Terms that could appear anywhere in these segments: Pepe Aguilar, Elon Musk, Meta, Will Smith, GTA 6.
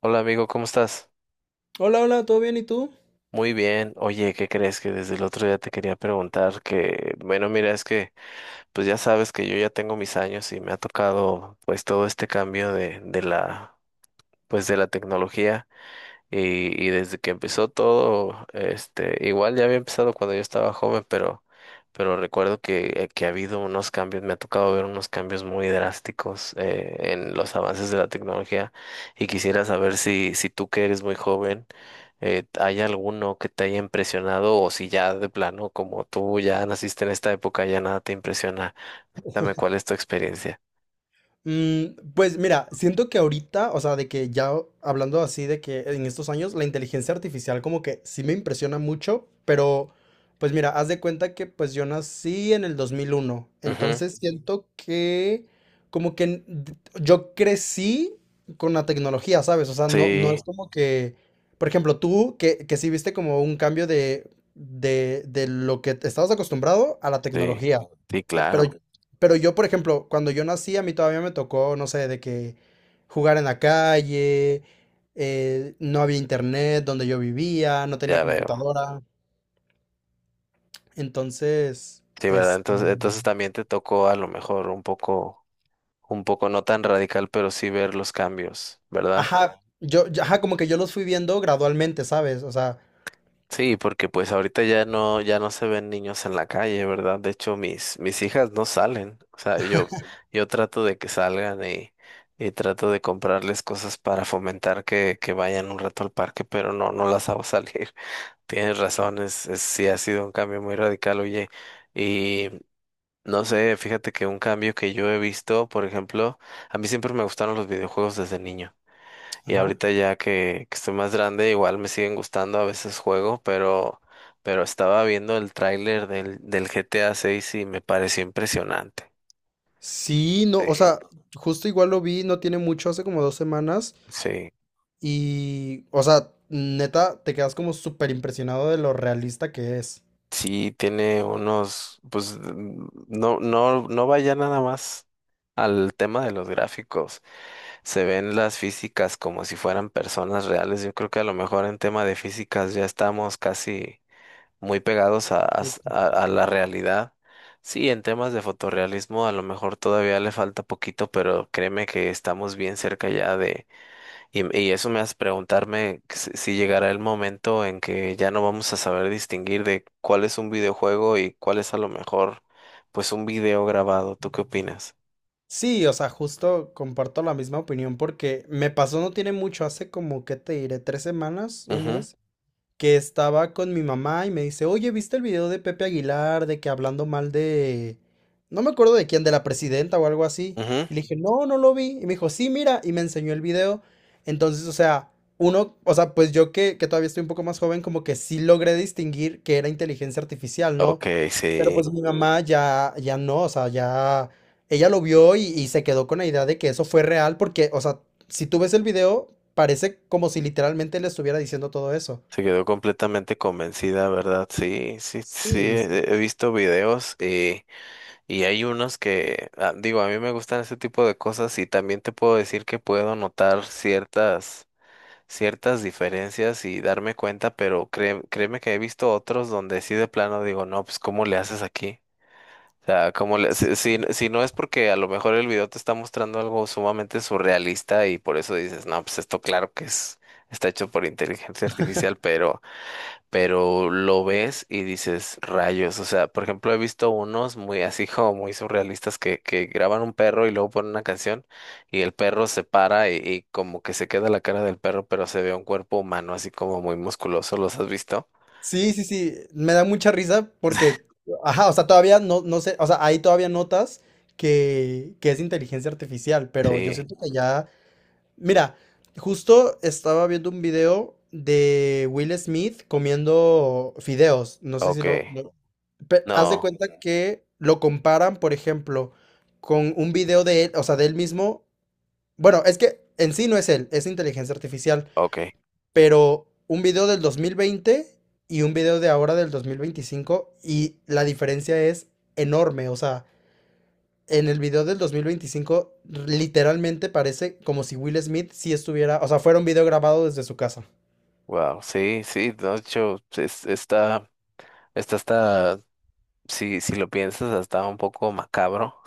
Hola amigo, ¿cómo estás? Hola, hola, ¿todo bien? ¿Y tú? Muy bien. Oye, ¿qué crees que desde el otro día te quería preguntar? Que, bueno, mira, es que pues ya sabes que yo ya tengo mis años y me ha tocado pues todo este cambio de la, pues, de la tecnología. Y, y desde que empezó todo, igual ya había empezado cuando yo estaba joven, pero recuerdo que ha habido unos cambios, me ha tocado ver unos cambios muy drásticos en los avances de la tecnología y quisiera saber si tú que eres muy joven, ¿hay alguno que te haya impresionado o si ya de plano, como tú ya naciste en esta época, ya nada te impresiona? Cuéntame cuál es tu experiencia. Mm, pues mira, siento que ahorita, o sea, de que ya hablando así de que en estos años, la inteligencia artificial como que sí me impresiona mucho, pero pues mira, haz de cuenta que pues yo nací en el 2001, Ujú. entonces siento que como que yo crecí con la tecnología, ¿sabes? O sea, no, no Sí, es como que, por ejemplo, tú que sí viste como un cambio de lo que estabas acostumbrado a la sí, tecnología. sí, Pero, claro, ok. Pero yo, por ejemplo, cuando yo nací, a mí todavía me tocó, no sé, de que jugar en la calle, no había internet donde yo vivía, no tenía ya veo. computadora. Entonces, Sí, ¿verdad? es. Entonces, también te tocó a lo mejor un poco no tan radical, pero sí ver los cambios, ¿verdad? Ajá, ajá, como que yo los fui viendo gradualmente, ¿sabes? O sea, Sí, porque pues ahorita ya no, ya no se ven niños en la calle, ¿verdad? De hecho, mis hijas no salen. O sea, yo trato de que salgan y trato de comprarles cosas para fomentar que vayan un rato al parque, pero no, no las hago salir. Tienes razón, sí ha sido un cambio muy radical, oye. No sé, fíjate que un cambio que yo he visto, por ejemplo, a mí siempre me gustaron los videojuegos desde niño. Y ajá. ahorita ya que estoy más grande, igual me siguen gustando, a veces juego, pero estaba viendo el tráiler del GTA 6 y me pareció impresionante. Sí, no, Sí, o sea, justo igual lo vi, no tiene mucho, hace como 2 semanas, sí, y, o sea, neta, te quedas como súper impresionado de lo realista que es. sí tiene unos, pues no, no, no vaya nada más al tema de los gráficos. Se ven las físicas como si fueran personas reales. Yo creo que a lo mejor en tema de físicas ya estamos casi muy pegados a la realidad. Sí, en temas de fotorrealismo a lo mejor todavía le falta poquito, pero créeme que estamos bien cerca ya de... Y eso me hace preguntarme que si llegará el momento en que ya no vamos a saber distinguir de cuál es un videojuego y cuál es a lo mejor pues un video grabado. ¿Tú qué opinas? Sí, o sea, justo comparto la misma opinión porque me pasó no tiene mucho, hace como, ¿qué te diré? 3 semanas, un Ujú, mes, que estaba con mi mamá y me dice, oye, ¿viste el video de Pepe Aguilar de que hablando mal de... No me acuerdo de quién, de la presidenta o algo así. ujú. Y le dije, no, no lo vi. Y me dijo, sí, mira, y me enseñó el video. Entonces, o sea, uno, o sea, pues yo que todavía estoy un poco más joven, como que sí logré distinguir que era inteligencia artificial, ¿no? Ok, Pero pues sí. mi mamá ya, ya no, o sea, ya ella lo vio y se quedó con la idea de que eso fue real porque, o sea, si tú ves el video, parece como si literalmente le estuviera diciendo todo eso. Se quedó completamente convencida, ¿verdad? Sí, sí, sí, Sí, sí. he visto videos y hay unos que, ah, digo, a mí me gustan ese tipo de cosas y también te puedo decir que puedo notar ciertas, ciertas diferencias y darme cuenta, pero créeme que he visto otros donde sí de plano digo, no, pues ¿cómo le haces aquí? O sea, ¿cómo le, Sí. si no es porque a lo mejor el video te está mostrando algo sumamente surrealista y por eso dices, no, pues esto claro que es, está hecho por inteligencia artificial, pero lo ves y dices, rayos, o sea, por ejemplo, he visto unos muy así como muy surrealistas que graban un perro y luego ponen una canción y el perro se para y como que se queda la cara del perro, pero se ve un cuerpo humano así como muy musculoso, ¿los has visto? Sí, sí, sí, me da mucha risa porque, ajá, o sea, todavía no, no sé, o sea, ahí todavía notas que es inteligencia artificial, pero yo Sí, siento que ya. Mira, justo estaba viendo un video de Will Smith comiendo fideos. No sé si ok, lo pe- haz de no, cuenta que lo comparan, por ejemplo, con un video de él, o sea, de él mismo. Bueno, es que en sí no es él, es inteligencia artificial, ok, pero un video del 2020 y un video de ahora del 2025 y la diferencia es enorme, o sea, en el video del 2025, literalmente parece como si Will Smith sí estuviera, o sea, fuera un video grabado desde su casa. wow, sí, sí, de hecho, está hasta, si lo piensas, hasta un poco macabro.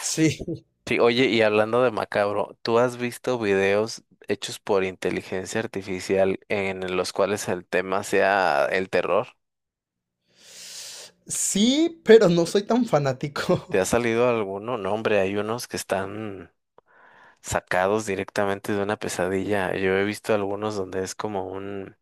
Sí. Sí, oye, y hablando de macabro, ¿tú has visto videos hechos por inteligencia artificial en los cuales el tema sea el terror? Sí, pero no soy tan ¿Te fanático. ha salido alguno? No, hombre, hay unos que están sacados directamente de una pesadilla. Yo he visto algunos donde es como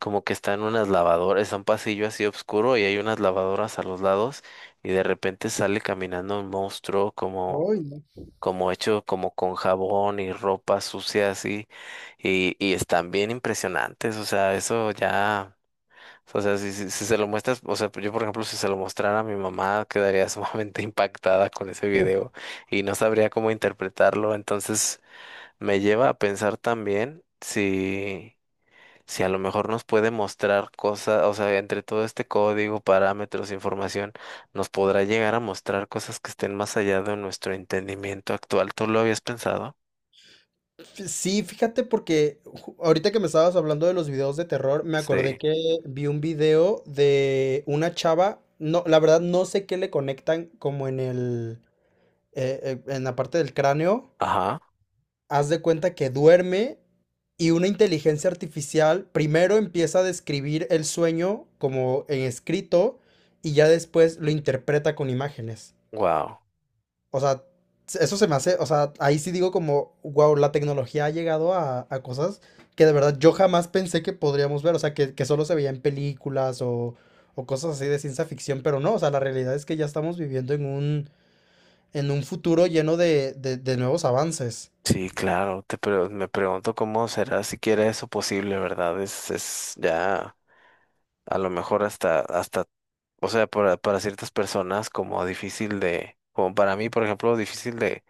como que están unas lavadoras, es un pasillo así oscuro y hay unas lavadoras a los lados y de repente sale caminando un monstruo como Ay, no. como hecho como con jabón y ropa sucia así, y están bien impresionantes, o sea, eso ya, o sea, si se lo muestras, o sea, yo por ejemplo, si se lo mostrara a mi mamá, quedaría sumamente impactada con ese video y no sabría cómo interpretarlo, entonces me lleva a pensar también si a lo mejor nos puede mostrar cosas, o sea, entre todo este código, parámetros, información, nos podrá llegar a mostrar cosas que estén más allá de nuestro entendimiento actual. ¿Tú lo habías pensado? Sí, fíjate porque ahorita que me estabas hablando de los videos de terror, me acordé Sí. que vi un video de una chava, no, la verdad no sé qué le conectan como en el, en la parte del cráneo, Ajá. haz de cuenta que duerme y una inteligencia artificial primero empieza a describir el sueño como en escrito y ya después lo interpreta con imágenes. Wow. O sea, eso se me hace, o sea, ahí sí digo como, wow, la tecnología ha llegado a cosas que de verdad yo jamás pensé que podríamos ver, o sea, que solo se veía en películas o cosas así de ciencia ficción, pero no, o sea, la realidad es que ya estamos viviendo en un futuro lleno de nuevos avances. Sí, claro. Me pregunto cómo será siquiera eso posible, ¿verdad? Es ya a lo mejor hasta, o sea, para ciertas personas como difícil de, como para mí, por ejemplo, difícil de,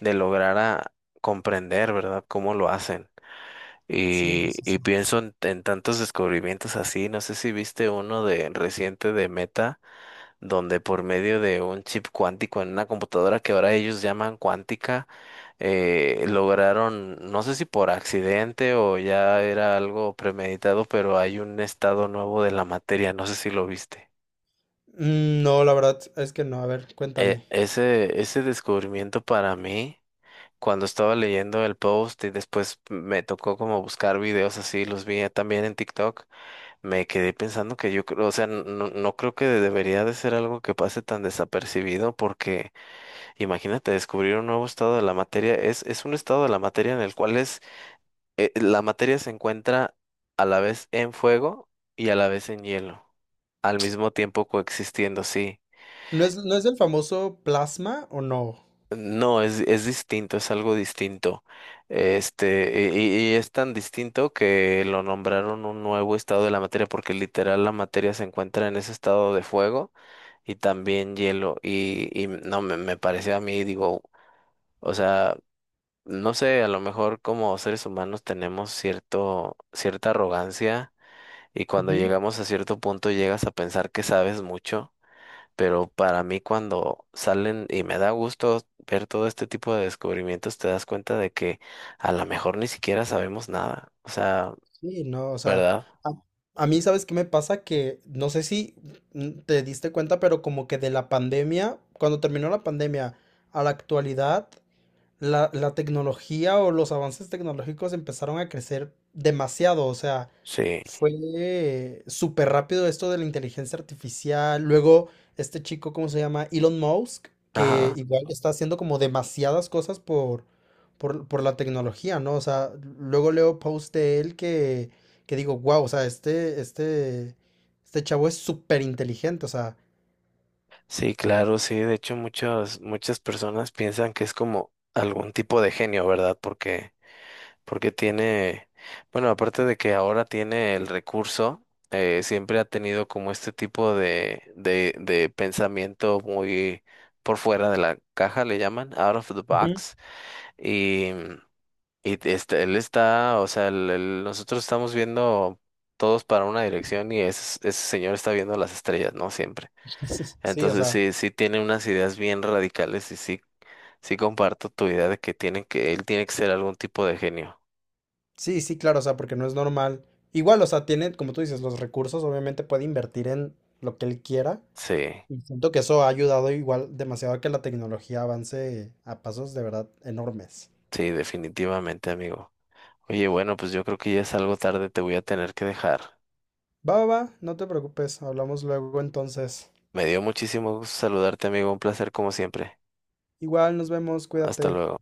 de lograr a comprender, ¿verdad? Cómo lo hacen. Sí, Y, sí, y sí. pienso en tantos descubrimientos así, no sé si viste uno de reciente de Meta, donde por medio de un chip cuántico en una computadora que ahora ellos llaman cuántica, lograron, no sé si por accidente o ya era algo premeditado, pero hay un estado nuevo de la materia, no sé si lo viste. No, la verdad es que no. A ver, E- cuéntame. ese, ese descubrimiento para mí, cuando estaba leyendo el post y después me tocó como buscar videos así, los vi también en TikTok. Me quedé pensando que yo creo, o sea, no, no creo que debería de ser algo que pase tan desapercibido porque imagínate descubrir un nuevo estado de la materia, es un estado de la materia en el cual la materia se encuentra a la vez en fuego y a la vez en hielo, al mismo tiempo coexistiendo, sí. ¿No es del famoso plasma o no? No, es distinto, es algo distinto. Y es tan distinto que lo nombraron un nuevo estado de la materia, porque literal la materia se encuentra en ese estado de fuego y también hielo. Y no, me pareció a mí, digo, o sea, no sé, a lo mejor como seres humanos tenemos cierto, cierta arrogancia y cuando Ujú. llegamos a cierto punto llegas a pensar que sabes mucho. Pero para mí cuando salen y me da gusto ver todo este tipo de descubrimientos, te das cuenta de que a lo mejor ni siquiera sabemos nada. O sea, Sí, no, o sea, ¿verdad? a, a mí, ¿sabes qué me pasa? Que no sé si te diste cuenta, pero como que de la pandemia, cuando terminó la pandemia a la actualidad, la tecnología o los avances tecnológicos empezaron a crecer demasiado, o sea, Sí. fue súper rápido esto de la inteligencia artificial, luego este chico, ¿cómo se llama? Elon Musk, que Ajá. igual está haciendo como demasiadas cosas por, por la tecnología, ¿no? O sea, luego leo post de él que digo, wow, o sea, este chavo es súper inteligente, o sea. Sí, claro, sí. De hecho, muchas, muchas personas piensan que es como algún tipo de genio, ¿verdad? Porque tiene, bueno, aparte de que ahora tiene el recurso, siempre ha tenido como este tipo de pensamiento muy por fuera de la caja, le llaman, out of the Ujú. box, y, y este, él está, o sea, nosotros estamos viendo todos para una dirección y ese señor está viendo las estrellas, ¿no? Siempre. Sí, o Entonces sea. sí, sí tiene unas ideas bien radicales y sí, sí comparto tu idea de que él tiene que ser algún tipo de genio. Sí, sí, claro, o sea, porque no es normal. Igual, o sea, tiene, como tú dices, los recursos, obviamente puede invertir en lo que él quiera. Sí. Y siento que eso ha ayudado igual demasiado a que la tecnología avance a pasos de verdad enormes. Sí, definitivamente, amigo. Oye, bueno, pues yo creo que ya es algo tarde, te voy a tener que dejar. Va, va, va, no te preocupes, hablamos luego entonces. Me dio muchísimo gusto saludarte, amigo. Un placer como siempre. Igual, nos vemos, Hasta cuídate. luego.